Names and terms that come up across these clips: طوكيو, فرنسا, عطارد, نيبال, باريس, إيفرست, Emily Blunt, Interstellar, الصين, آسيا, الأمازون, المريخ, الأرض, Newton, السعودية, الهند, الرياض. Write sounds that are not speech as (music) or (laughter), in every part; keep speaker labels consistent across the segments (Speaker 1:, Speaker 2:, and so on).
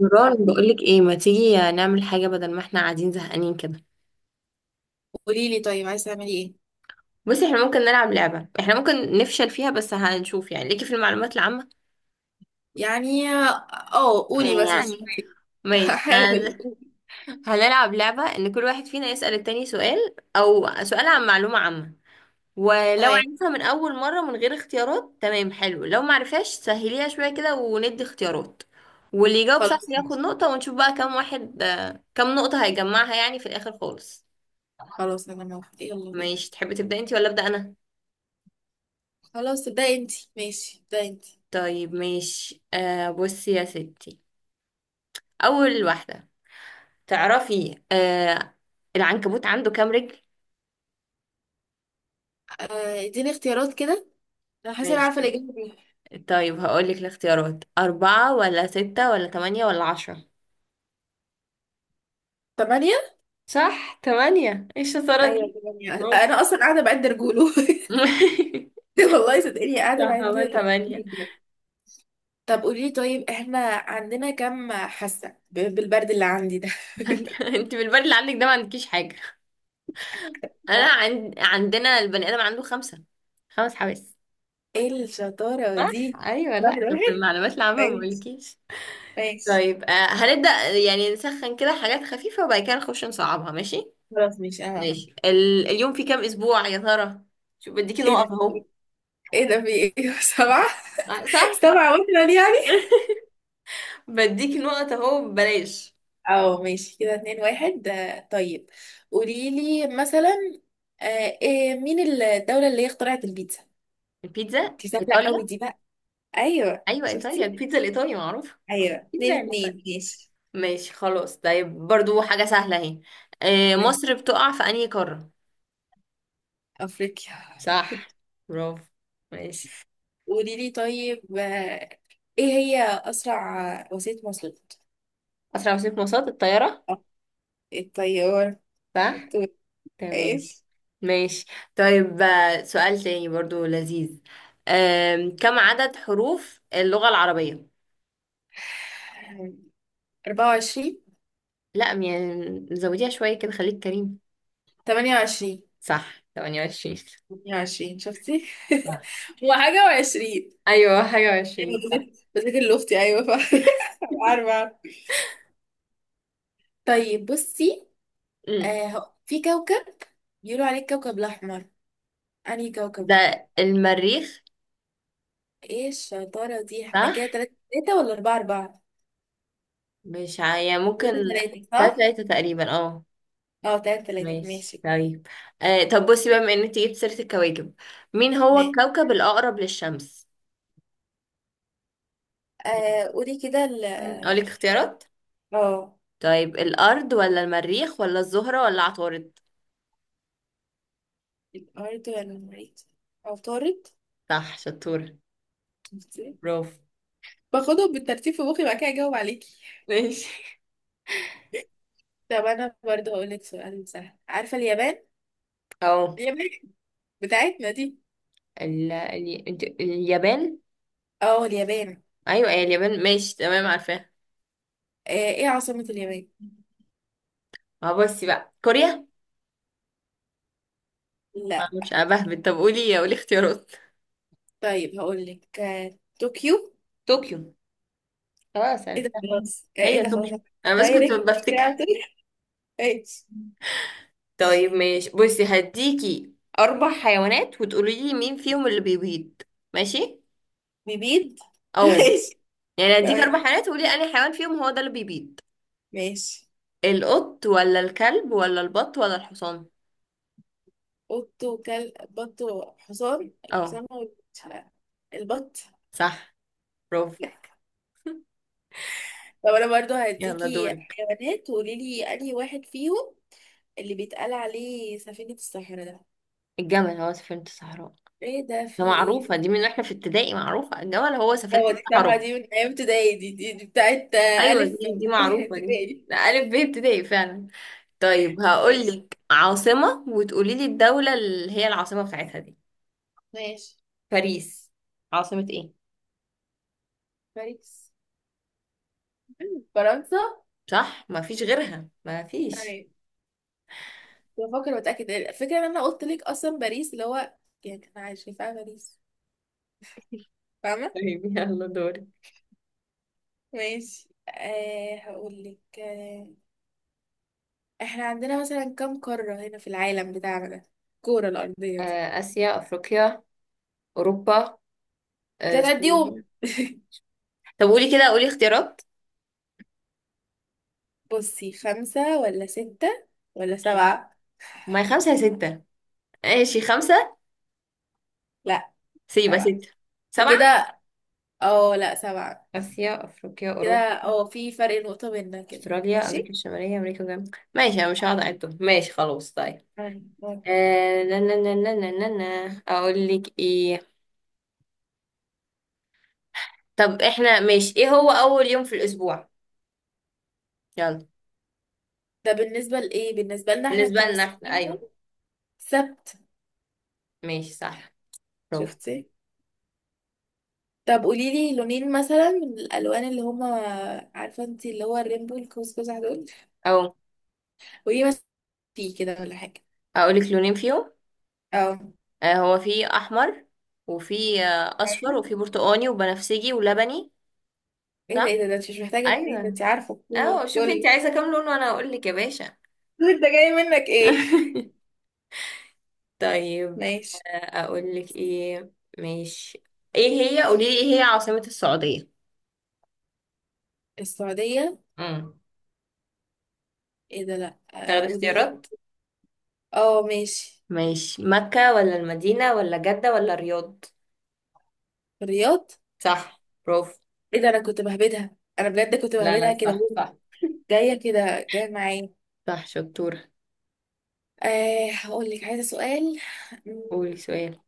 Speaker 1: نوران، بقولك ايه ما تيجي نعمل حاجة بدل ما احنا قاعدين زهقانين كده.
Speaker 2: قولي لي طيب عايزة تعملي ايه؟
Speaker 1: بصي، احنا ممكن نلعب لعبة احنا ممكن نفشل فيها بس هنشوف يعني ليكي في المعلومات العامة.
Speaker 2: يعني اه قولي
Speaker 1: إيه
Speaker 2: مثلا.
Speaker 1: يعني؟
Speaker 2: (laughs)
Speaker 1: ماشي (laughs)
Speaker 2: هحاول.
Speaker 1: هنلعب لعبة ان كل واحد فينا يسأل التاني سؤال او سؤال عن معلومة عامة، ولو
Speaker 2: تمام
Speaker 1: عرفها من اول مرة من غير اختيارات تمام حلو، لو معرفهاش سهليها شوية كده وندي اختيارات، واللي يجاوب صح
Speaker 2: خلاص.
Speaker 1: ياخد نقطة، ونشوف بقى كم واحد كم نقطة هيجمعها يعني في الاخر خالص.
Speaker 2: خلاص انا موافقة، يلا بينا.
Speaker 1: ماشي، تحبي تبدأ انتي ولا أبدأ انا؟
Speaker 2: خلاص ده انتي، ماشي ده انتي.
Speaker 1: طيب ماشي، بصي يا ستي، أول واحدة، تعرفي العنكبوت عنده كام رجل؟
Speaker 2: اديني اختيارات كده. انا حاسة انا عارفة
Speaker 1: ماشي،
Speaker 2: الاجابة دي.
Speaker 1: طيب هقولك الاختيارات: 4 ولا 6 ولا 8 ولا 10؟
Speaker 2: تمانية.
Speaker 1: صح، تمانية، ايه الشطارة دي؟
Speaker 2: ايوه تمانية،
Speaker 1: برافو
Speaker 2: انا اصلا قاعدة بعد رجوله. (laughs)
Speaker 1: (laughs)
Speaker 2: والله صدقني قاعدة
Speaker 1: صح،
Speaker 2: بعد
Speaker 1: هو
Speaker 2: رجوله
Speaker 1: تمانية.
Speaker 2: بجد. طب قولي لي طيب، احنا عندنا كام حاسة بالبرد اللي عندي ده.
Speaker 1: (laughs) انت بالبال اللي عندك ده ما عندكيش حاجة. أنا
Speaker 2: (laughs)
Speaker 1: عندنا البني آدم عنده خمسة، 5 حواس.
Speaker 2: ايه الشطارة
Speaker 1: صح.
Speaker 2: دي؟
Speaker 1: أيوة
Speaker 2: واحد
Speaker 1: لأ، طب في
Speaker 2: واحد.
Speaker 1: المعلومات العامة ما
Speaker 2: ماشي.
Speaker 1: بقولكيش.
Speaker 2: ماشي
Speaker 1: طيب هنبدأ، يعني نسخن كده حاجات خفيفة وبعد كده نخش نصعبها، ماشي.
Speaker 2: خلاص، ماشي انا عارفة.
Speaker 1: ماشي، ال- اليوم فيه كام أسبوع يا ترى؟ شوف بديكي
Speaker 2: ايه
Speaker 1: نقط
Speaker 2: ده؟
Speaker 1: أهو.
Speaker 2: ايه ده في ايه؟ (laughs) سبعة.
Speaker 1: صح.
Speaker 2: سبعة مثلا يعني.
Speaker 1: (laughs) بديكي نقط أهو ببلاش.
Speaker 2: اه ماشي كده، اتنين واحد، طيب. قولي لي مثلا، إيه، مين الدولة اللي هي اخترعت البيتزا؟
Speaker 1: البيتزا
Speaker 2: دي سهلة قوي
Speaker 1: إيطاليا.
Speaker 2: دي بقى. ايوه
Speaker 1: أيوة، إيطاليا،
Speaker 2: شفتي.
Speaker 1: البيتزا الإيطالي معروفة.
Speaker 2: ايوه،
Speaker 1: بيتزا
Speaker 2: اتنين
Speaker 1: يعني إيطاليا.
Speaker 2: اتنين ماشي.
Speaker 1: ماشي خلاص. طيب برضو حاجة سهلة أهي،
Speaker 2: ماشي.
Speaker 1: مصر بتقع في أنهي قارة؟
Speaker 2: افريقيا.
Speaker 1: صح، برافو، ماشي.
Speaker 2: قولي لي طيب، ايه هي اسرع وسيلة مواصلات؟
Speaker 1: أسرع وسيلة مواصلات الطيارة.
Speaker 2: آه، الطيارة.
Speaker 1: صح،
Speaker 2: شطور.
Speaker 1: تمام.
Speaker 2: ايش؟
Speaker 1: ماشي طيب، سؤال تاني برضو لذيذ، كم عدد حروف اللغة العربية؟
Speaker 2: 24.
Speaker 1: لا يعني زوديها شوية كده، خليك كريم.
Speaker 2: 28.
Speaker 1: صح، 28.
Speaker 2: 20 شفتي.
Speaker 1: صح،
Speaker 2: (laughs) هو حاجة وعشرين.
Speaker 1: أيوة، حاجة وعشرين، صح.
Speaker 2: بذاكر لأختي، أيوة ف (laughs) عارفة عارفة. طيب بصي،
Speaker 1: مم.
Speaker 2: في كوكب بيقولوا عليه الكوكب الأحمر، أنهي كوكب ده؟
Speaker 1: ده المريخ.
Speaker 2: ايه الشطارة دي؟ احنا
Speaker 1: صح،
Speaker 2: كده تلاتة تلاتة ولا أربعة أربعة؟
Speaker 1: مش ع- يعني ممكن.
Speaker 2: تلاتة تلاتة صح؟
Speaker 1: تلاتة تقريبا، اه.
Speaker 2: اه تلاتة تلاتة
Speaker 1: ماشي
Speaker 2: ماشي.
Speaker 1: طيب، آه طب بصي بقى، بما ان انت جبت سيرة الكواكب، مين هو
Speaker 2: تمام.
Speaker 1: الكوكب الأقرب للشمس؟ مم.
Speaker 2: آه قولي كده
Speaker 1: أقولك
Speaker 2: الاختيار.
Speaker 1: اختيارات.
Speaker 2: اه.
Speaker 1: طيب، الأرض ولا المريخ ولا الزهرة ولا عطارد؟
Speaker 2: الأرض ولا المريخ؟ عطارد.
Speaker 1: صح، شطور،
Speaker 2: شفتي؟
Speaker 1: برافو.
Speaker 2: باخدهم بالترتيب في مخي بعد كده أجاوب عليكي.
Speaker 1: ماشي.
Speaker 2: طب انا برضه هقولك سؤال سهل، عارفة اليابان؟
Speaker 1: أو،
Speaker 2: اليابان بتاعتنا دي.
Speaker 1: اليابان.
Speaker 2: اه اليابان.
Speaker 1: أيوة، أي اليابان، ماشي تمام، عارفاها.
Speaker 2: آه ايه عاصمة اليابان؟
Speaker 1: ما بصي بقى، كوريا. ما
Speaker 2: لا.
Speaker 1: مش أنا بهبد، طب قولي، قولي اختيارات.
Speaker 2: طيب هقولك آه طوكيو.
Speaker 1: طوكيو، خلاص
Speaker 2: ايه ده
Speaker 1: عرفتها،
Speaker 2: خلاص، آه ايه
Speaker 1: هي
Speaker 2: ده خلاص.
Speaker 1: طوكيو، أنا بس كنت
Speaker 2: دايركت كده
Speaker 1: بفتكر.
Speaker 2: على طول. ماشي.
Speaker 1: طيب ماشي، بصي هديكي 4 حيوانات وتقولي لي مين فيهم اللي بيبيض، ماشي.
Speaker 2: بيبيد (laughs)
Speaker 1: أو،
Speaker 2: ماشي.
Speaker 1: يعني هديك
Speaker 2: تمام
Speaker 1: 4 حيوانات وقولي أنهي حيوان فيهم هو ده اللي بيبيض.
Speaker 2: ماشي.
Speaker 1: القط ولا الكلب ولا البط ولا الحصان؟
Speaker 2: قط وكلب بط وحصان،
Speaker 1: اه.
Speaker 2: الحصان هو، مش عارف. البط.
Speaker 1: صح، برافو.
Speaker 2: لا. طب انا برضه
Speaker 1: يلا
Speaker 2: هديكي
Speaker 1: دورك.
Speaker 2: حيوانات وقولي لي انهي واحد فيهم اللي بيتقال عليه سفينة الصحراء ده.
Speaker 1: الجمل هو سفينة الصحراء.
Speaker 2: ايه ده
Speaker 1: ده
Speaker 2: في ايه؟
Speaker 1: معروفة، دي من واحنا في ابتدائي، معروفة، الجمل هو سفينة
Speaker 2: هو دي صراحة
Speaker 1: الصحراء.
Speaker 2: دي من ايام ابتدائي، دي دي بتاعت
Speaker 1: ايوه دي
Speaker 2: الف.
Speaker 1: دي
Speaker 2: (laughs)
Speaker 1: معروفة دي
Speaker 2: ابتدائي.
Speaker 1: ده ألف ب ابتدائي فعلا. طيب
Speaker 2: ماشي.
Speaker 1: هقولك عاصمة وتقولي لي الدولة اللي هي العاصمة بتاعتها دي.
Speaker 2: ماشي.
Speaker 1: باريس، عاصمة ايه؟
Speaker 2: باريس. فرنسا.
Speaker 1: صح، ما فيش غيرها ما فيش.
Speaker 2: تمام. بفكر واتاكد الفكره، ان انا قلت لك اصلا باريس اللي هو، يعني كان عايش شايفاها باريس، فاهمه.
Speaker 1: طيب يلا دورك.
Speaker 2: ماشي أه هقول لك أه، احنا عندنا مثلا كم قاره هنا في العالم بتاعنا ده، الكوره الارضيه دي؟
Speaker 1: آسيا، أفريقيا، أوروبا،
Speaker 2: تتعديهم.
Speaker 1: استراليا. طب قولي كده، قولي اختيارات.
Speaker 2: بصي، خمسه ولا سته ولا سبعه؟
Speaker 1: ما هي خمسة يا ستة. ماشي خمسة.
Speaker 2: لا
Speaker 1: سيبة
Speaker 2: سبعه.
Speaker 1: ستة.
Speaker 2: دي
Speaker 1: سبعة.
Speaker 2: كده، اه لا سبعه
Speaker 1: آسيا، أفريقيا،
Speaker 2: كده.
Speaker 1: أوروبا،
Speaker 2: اه في فرق نقطة بيننا كده،
Speaker 1: أستراليا، أمريكا
Speaker 2: ماشي.
Speaker 1: الشمالية، أمريكا الجنوبية، ماشي، أنا مش هقعد أعدهم، ماشي خلاص طيب.
Speaker 2: أيوة.
Speaker 1: آه لا، لا، لا، لا، لا، لا. لا. أقول لك إيه، طب إحنا ماشي، إيه هو أول يوم في الأسبوع؟ يلا.
Speaker 2: ده بالنسبة لإيه؟ بالنسبة لنا احنا
Speaker 1: بالنسبة لنا إحنا،
Speaker 2: كمصريين هم؟
Speaker 1: أيوه.
Speaker 2: سبت.
Speaker 1: ماشي، صح، برافو.
Speaker 2: شفتي. طب قولي لي لونين مثلا من الألوان اللي هما، عارفة انت اللي هو الرينبو القوس قزح دول؟
Speaker 1: أو،
Speaker 2: قولي مثلا، فيه كده ولا حاجة.
Speaker 1: أقول لك لونين فيهم،
Speaker 2: اه.
Speaker 1: هو في أحمر، وفي أصفر،
Speaker 2: أيوة.
Speaker 1: وفي برتقاني وبنفسجي ولبني.
Speaker 2: ايه ده؟
Speaker 1: صح؟
Speaker 2: ايه ده؟ ده انت مش محتاجة لونين، ده
Speaker 1: أيوه.
Speaker 2: انت عارفة كل
Speaker 1: اه شوفي، انت
Speaker 2: كل
Speaker 1: عايزة كام لون وانا اقول لك يا باشا.
Speaker 2: (laughs) انت جاي منك ايه؟
Speaker 1: (laughs) طيب،
Speaker 2: ماشي.
Speaker 1: اقول لك ايه، ماشي. ايه هي، قولي لي ايه هي عاصمة السعودية؟
Speaker 2: السعودية.
Speaker 1: امم
Speaker 2: ايه ده لأ،
Speaker 1: تاخدي
Speaker 2: قولي لي.
Speaker 1: اختيارات.
Speaker 2: اه ماشي.
Speaker 1: ماشي، مكة ولا المدينة ولا جدة ولا الرياض؟
Speaker 2: الرياض.
Speaker 1: صح، برافو.
Speaker 2: ايه ده انا كنت بهبدها، انا بجد كنت
Speaker 1: لا لا،
Speaker 2: بهبدها كده،
Speaker 1: صح صح.
Speaker 2: جاية كده جاية معايا.
Speaker 1: صح، شطورة.
Speaker 2: أه هقول لك عايزة سؤال. مم،
Speaker 1: قولي سؤال.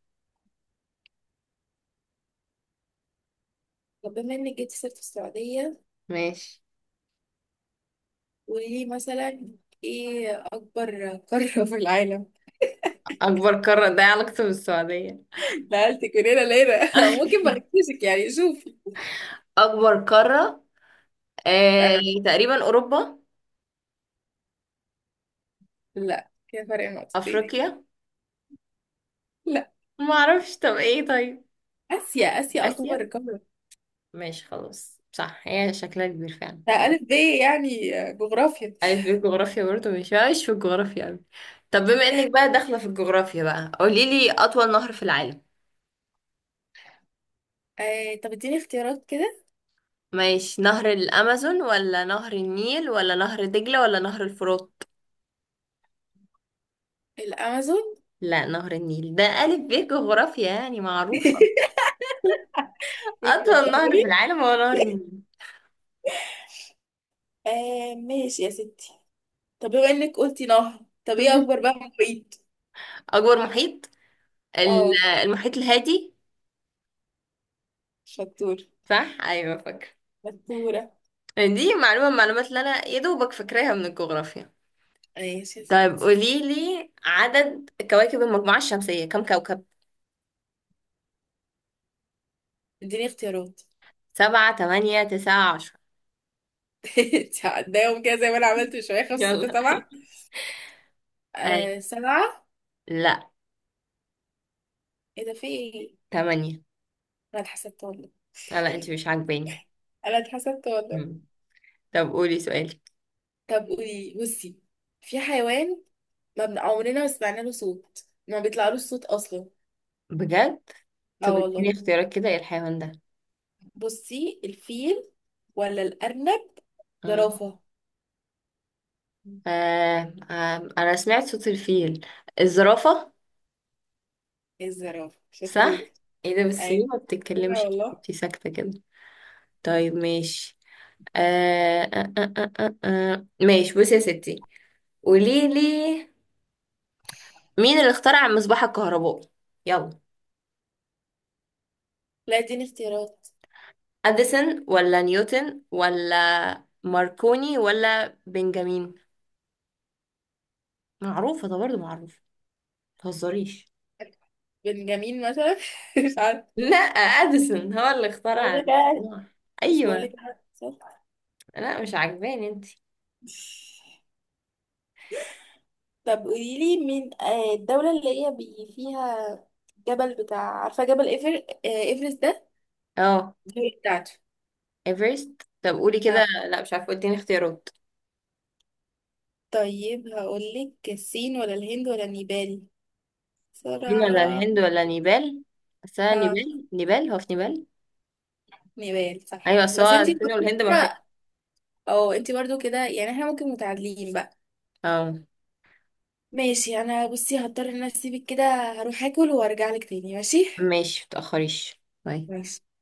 Speaker 2: طب بما انك جبتي سيرة السعودية،
Speaker 1: ماشي.
Speaker 2: قولي لي مثلا، ايه أكبر قارة في العالم؟
Speaker 1: أكبر قارة ده إيه علاقته بالسعودية؟
Speaker 2: (laughs) نقلتك من هنا لهنا. (laughs) ممكن ما
Speaker 1: (laughs)
Speaker 2: أغششك يعني، شوفي.
Speaker 1: أكبر قارة، آه
Speaker 2: آه.
Speaker 1: تقريبا أوروبا.
Speaker 2: لا، كده فرق نقطتين.
Speaker 1: أفريقيا.
Speaker 2: لا.
Speaker 1: ما أعرفش، طب إيه طيب؟
Speaker 2: آسيا، آسيا أكبر
Speaker 1: آسيا.
Speaker 2: قارة.
Speaker 1: ماشي خلاص، صح، هي شكلها كبير فعلا،
Speaker 2: ده
Speaker 1: تمام.
Speaker 2: ألف ب يعني جغرافيا.
Speaker 1: ألف ب جغرافيا برضه، مش في الجغرافيا أوي. طب بما إنك بقى داخلة في الجغرافيا بقى، قوليلي أطول نهر في العالم.
Speaker 2: أه طب اديني اختيارات كده.
Speaker 1: ماشي، نهر الأمازون ولا نهر النيل ولا نهر دجلة ولا نهر الفرات؟
Speaker 2: الأمازون.
Speaker 1: لا، نهر النيل، ده ألف ب جغرافيا يعني، معروفة.
Speaker 2: (laughs)
Speaker 1: أطول نهر
Speaker 2: بتوضحي.
Speaker 1: في العالم هو نهر النيل.
Speaker 2: آه ماشي يا ستي. طب بما انك قلتي نهر، طب ايه اكبر
Speaker 1: (laughs)
Speaker 2: بقى محيط؟
Speaker 1: أكبر محيط،
Speaker 2: اه.
Speaker 1: المحيط الهادي.
Speaker 2: شطور.
Speaker 1: صح أيوة، فاكرة.
Speaker 2: شطورة.
Speaker 1: دي معلومة من المعلومات اللي أنا يا دوبك فاكراها من الجغرافيا.
Speaker 2: ماشي يا
Speaker 1: طيب
Speaker 2: ستي.
Speaker 1: قولي لي عدد كواكب المجموعة الشمسية كم كوكب؟
Speaker 2: اديني اختيارات.
Speaker 1: 7 8 9 10
Speaker 2: (laughs) انت هتضايقهم كده زي ما انا عملت من شويه، خمسة ستة
Speaker 1: يلا.
Speaker 2: سبعة.
Speaker 1: هاي.
Speaker 2: آه سبعة.
Speaker 1: لا،
Speaker 2: ايه ده في ايه؟
Speaker 1: تمانية.
Speaker 2: انا اتحسدت والله.
Speaker 1: لا لا، انت مش عاجباني.
Speaker 2: انا اتحسدت والله.
Speaker 1: مم. طب قولي سؤالك.
Speaker 2: طب قولي. بصي، في حيوان ما بن... عمرنا ما سمعنا له صوت، ما بيطلعلوش صوت اصلا.
Speaker 1: بجد؟
Speaker 2: اه
Speaker 1: طب اديني
Speaker 2: والله.
Speaker 1: اختيارات كده، ايه الحيوان ده؟
Speaker 2: بصي، الفيل ولا الارنب،
Speaker 1: آه.
Speaker 2: زرافة.
Speaker 1: آه. آه. انا سمعت صوت الفيل. الزرافة.
Speaker 2: ايه الزرافة شطور.
Speaker 1: صح؟ ايه ده، بس ليه
Speaker 2: اي
Speaker 1: ما بتتكلمش،
Speaker 2: والله.
Speaker 1: انت ساكتة كده. طيب ماشي. آه. آه. آه. آه. آه. آه. ماشي بصي يا ستي، قولي لي مين اللي اخترع المصباح الكهربائي؟ يلا.
Speaker 2: لا اديني اختيارات.
Speaker 1: اديسون ولا نيوتن ولا ماركوني ولا بنجامين؟ معروفه ده برضه، معروفه، متهزريش.
Speaker 2: بنجامين مثلا. (laughs) مش عارفة.
Speaker 1: لا، اديسون هو اللي اخترع
Speaker 2: بقول لك أنا-
Speaker 1: المصباح.
Speaker 2: مش بقول
Speaker 1: ايوه.
Speaker 2: لك أنا- صح.
Speaker 1: لا، مش عاجباني انت.
Speaker 2: طب قولي لي مين الدولة اللي هي بي فيها جبل بتاع، عارفة جبل إيفرست ده،
Speaker 1: اه،
Speaker 2: دي بتاعته.
Speaker 1: ايفرست، طب قولي
Speaker 2: اه.
Speaker 1: كده. لا مش عارفه، اديني اختيارات.
Speaker 2: طيب هقول لك الصين ولا الهند ولا نيبال،
Speaker 1: الصين ولا
Speaker 2: بسرعة.
Speaker 1: الهند ولا نيبال؟ بس أنا
Speaker 2: اه
Speaker 1: نيبال، نيبال، هو في نيبال.
Speaker 2: نيبال
Speaker 1: ايوه
Speaker 2: صح،
Speaker 1: بس
Speaker 2: بس
Speaker 1: هو
Speaker 2: انتي.
Speaker 1: الصين والهند ما فيها.
Speaker 2: اه انتي برضو كده، يعني احنا ممكن متعادلين بقى.
Speaker 1: اه.
Speaker 2: ماشي. انا بصي هضطر ان أنا اسيبك كده، هروح اكل وارجع لك تاني. ماشي.
Speaker 1: ماشي، متأخريش، باي.
Speaker 2: ماشي.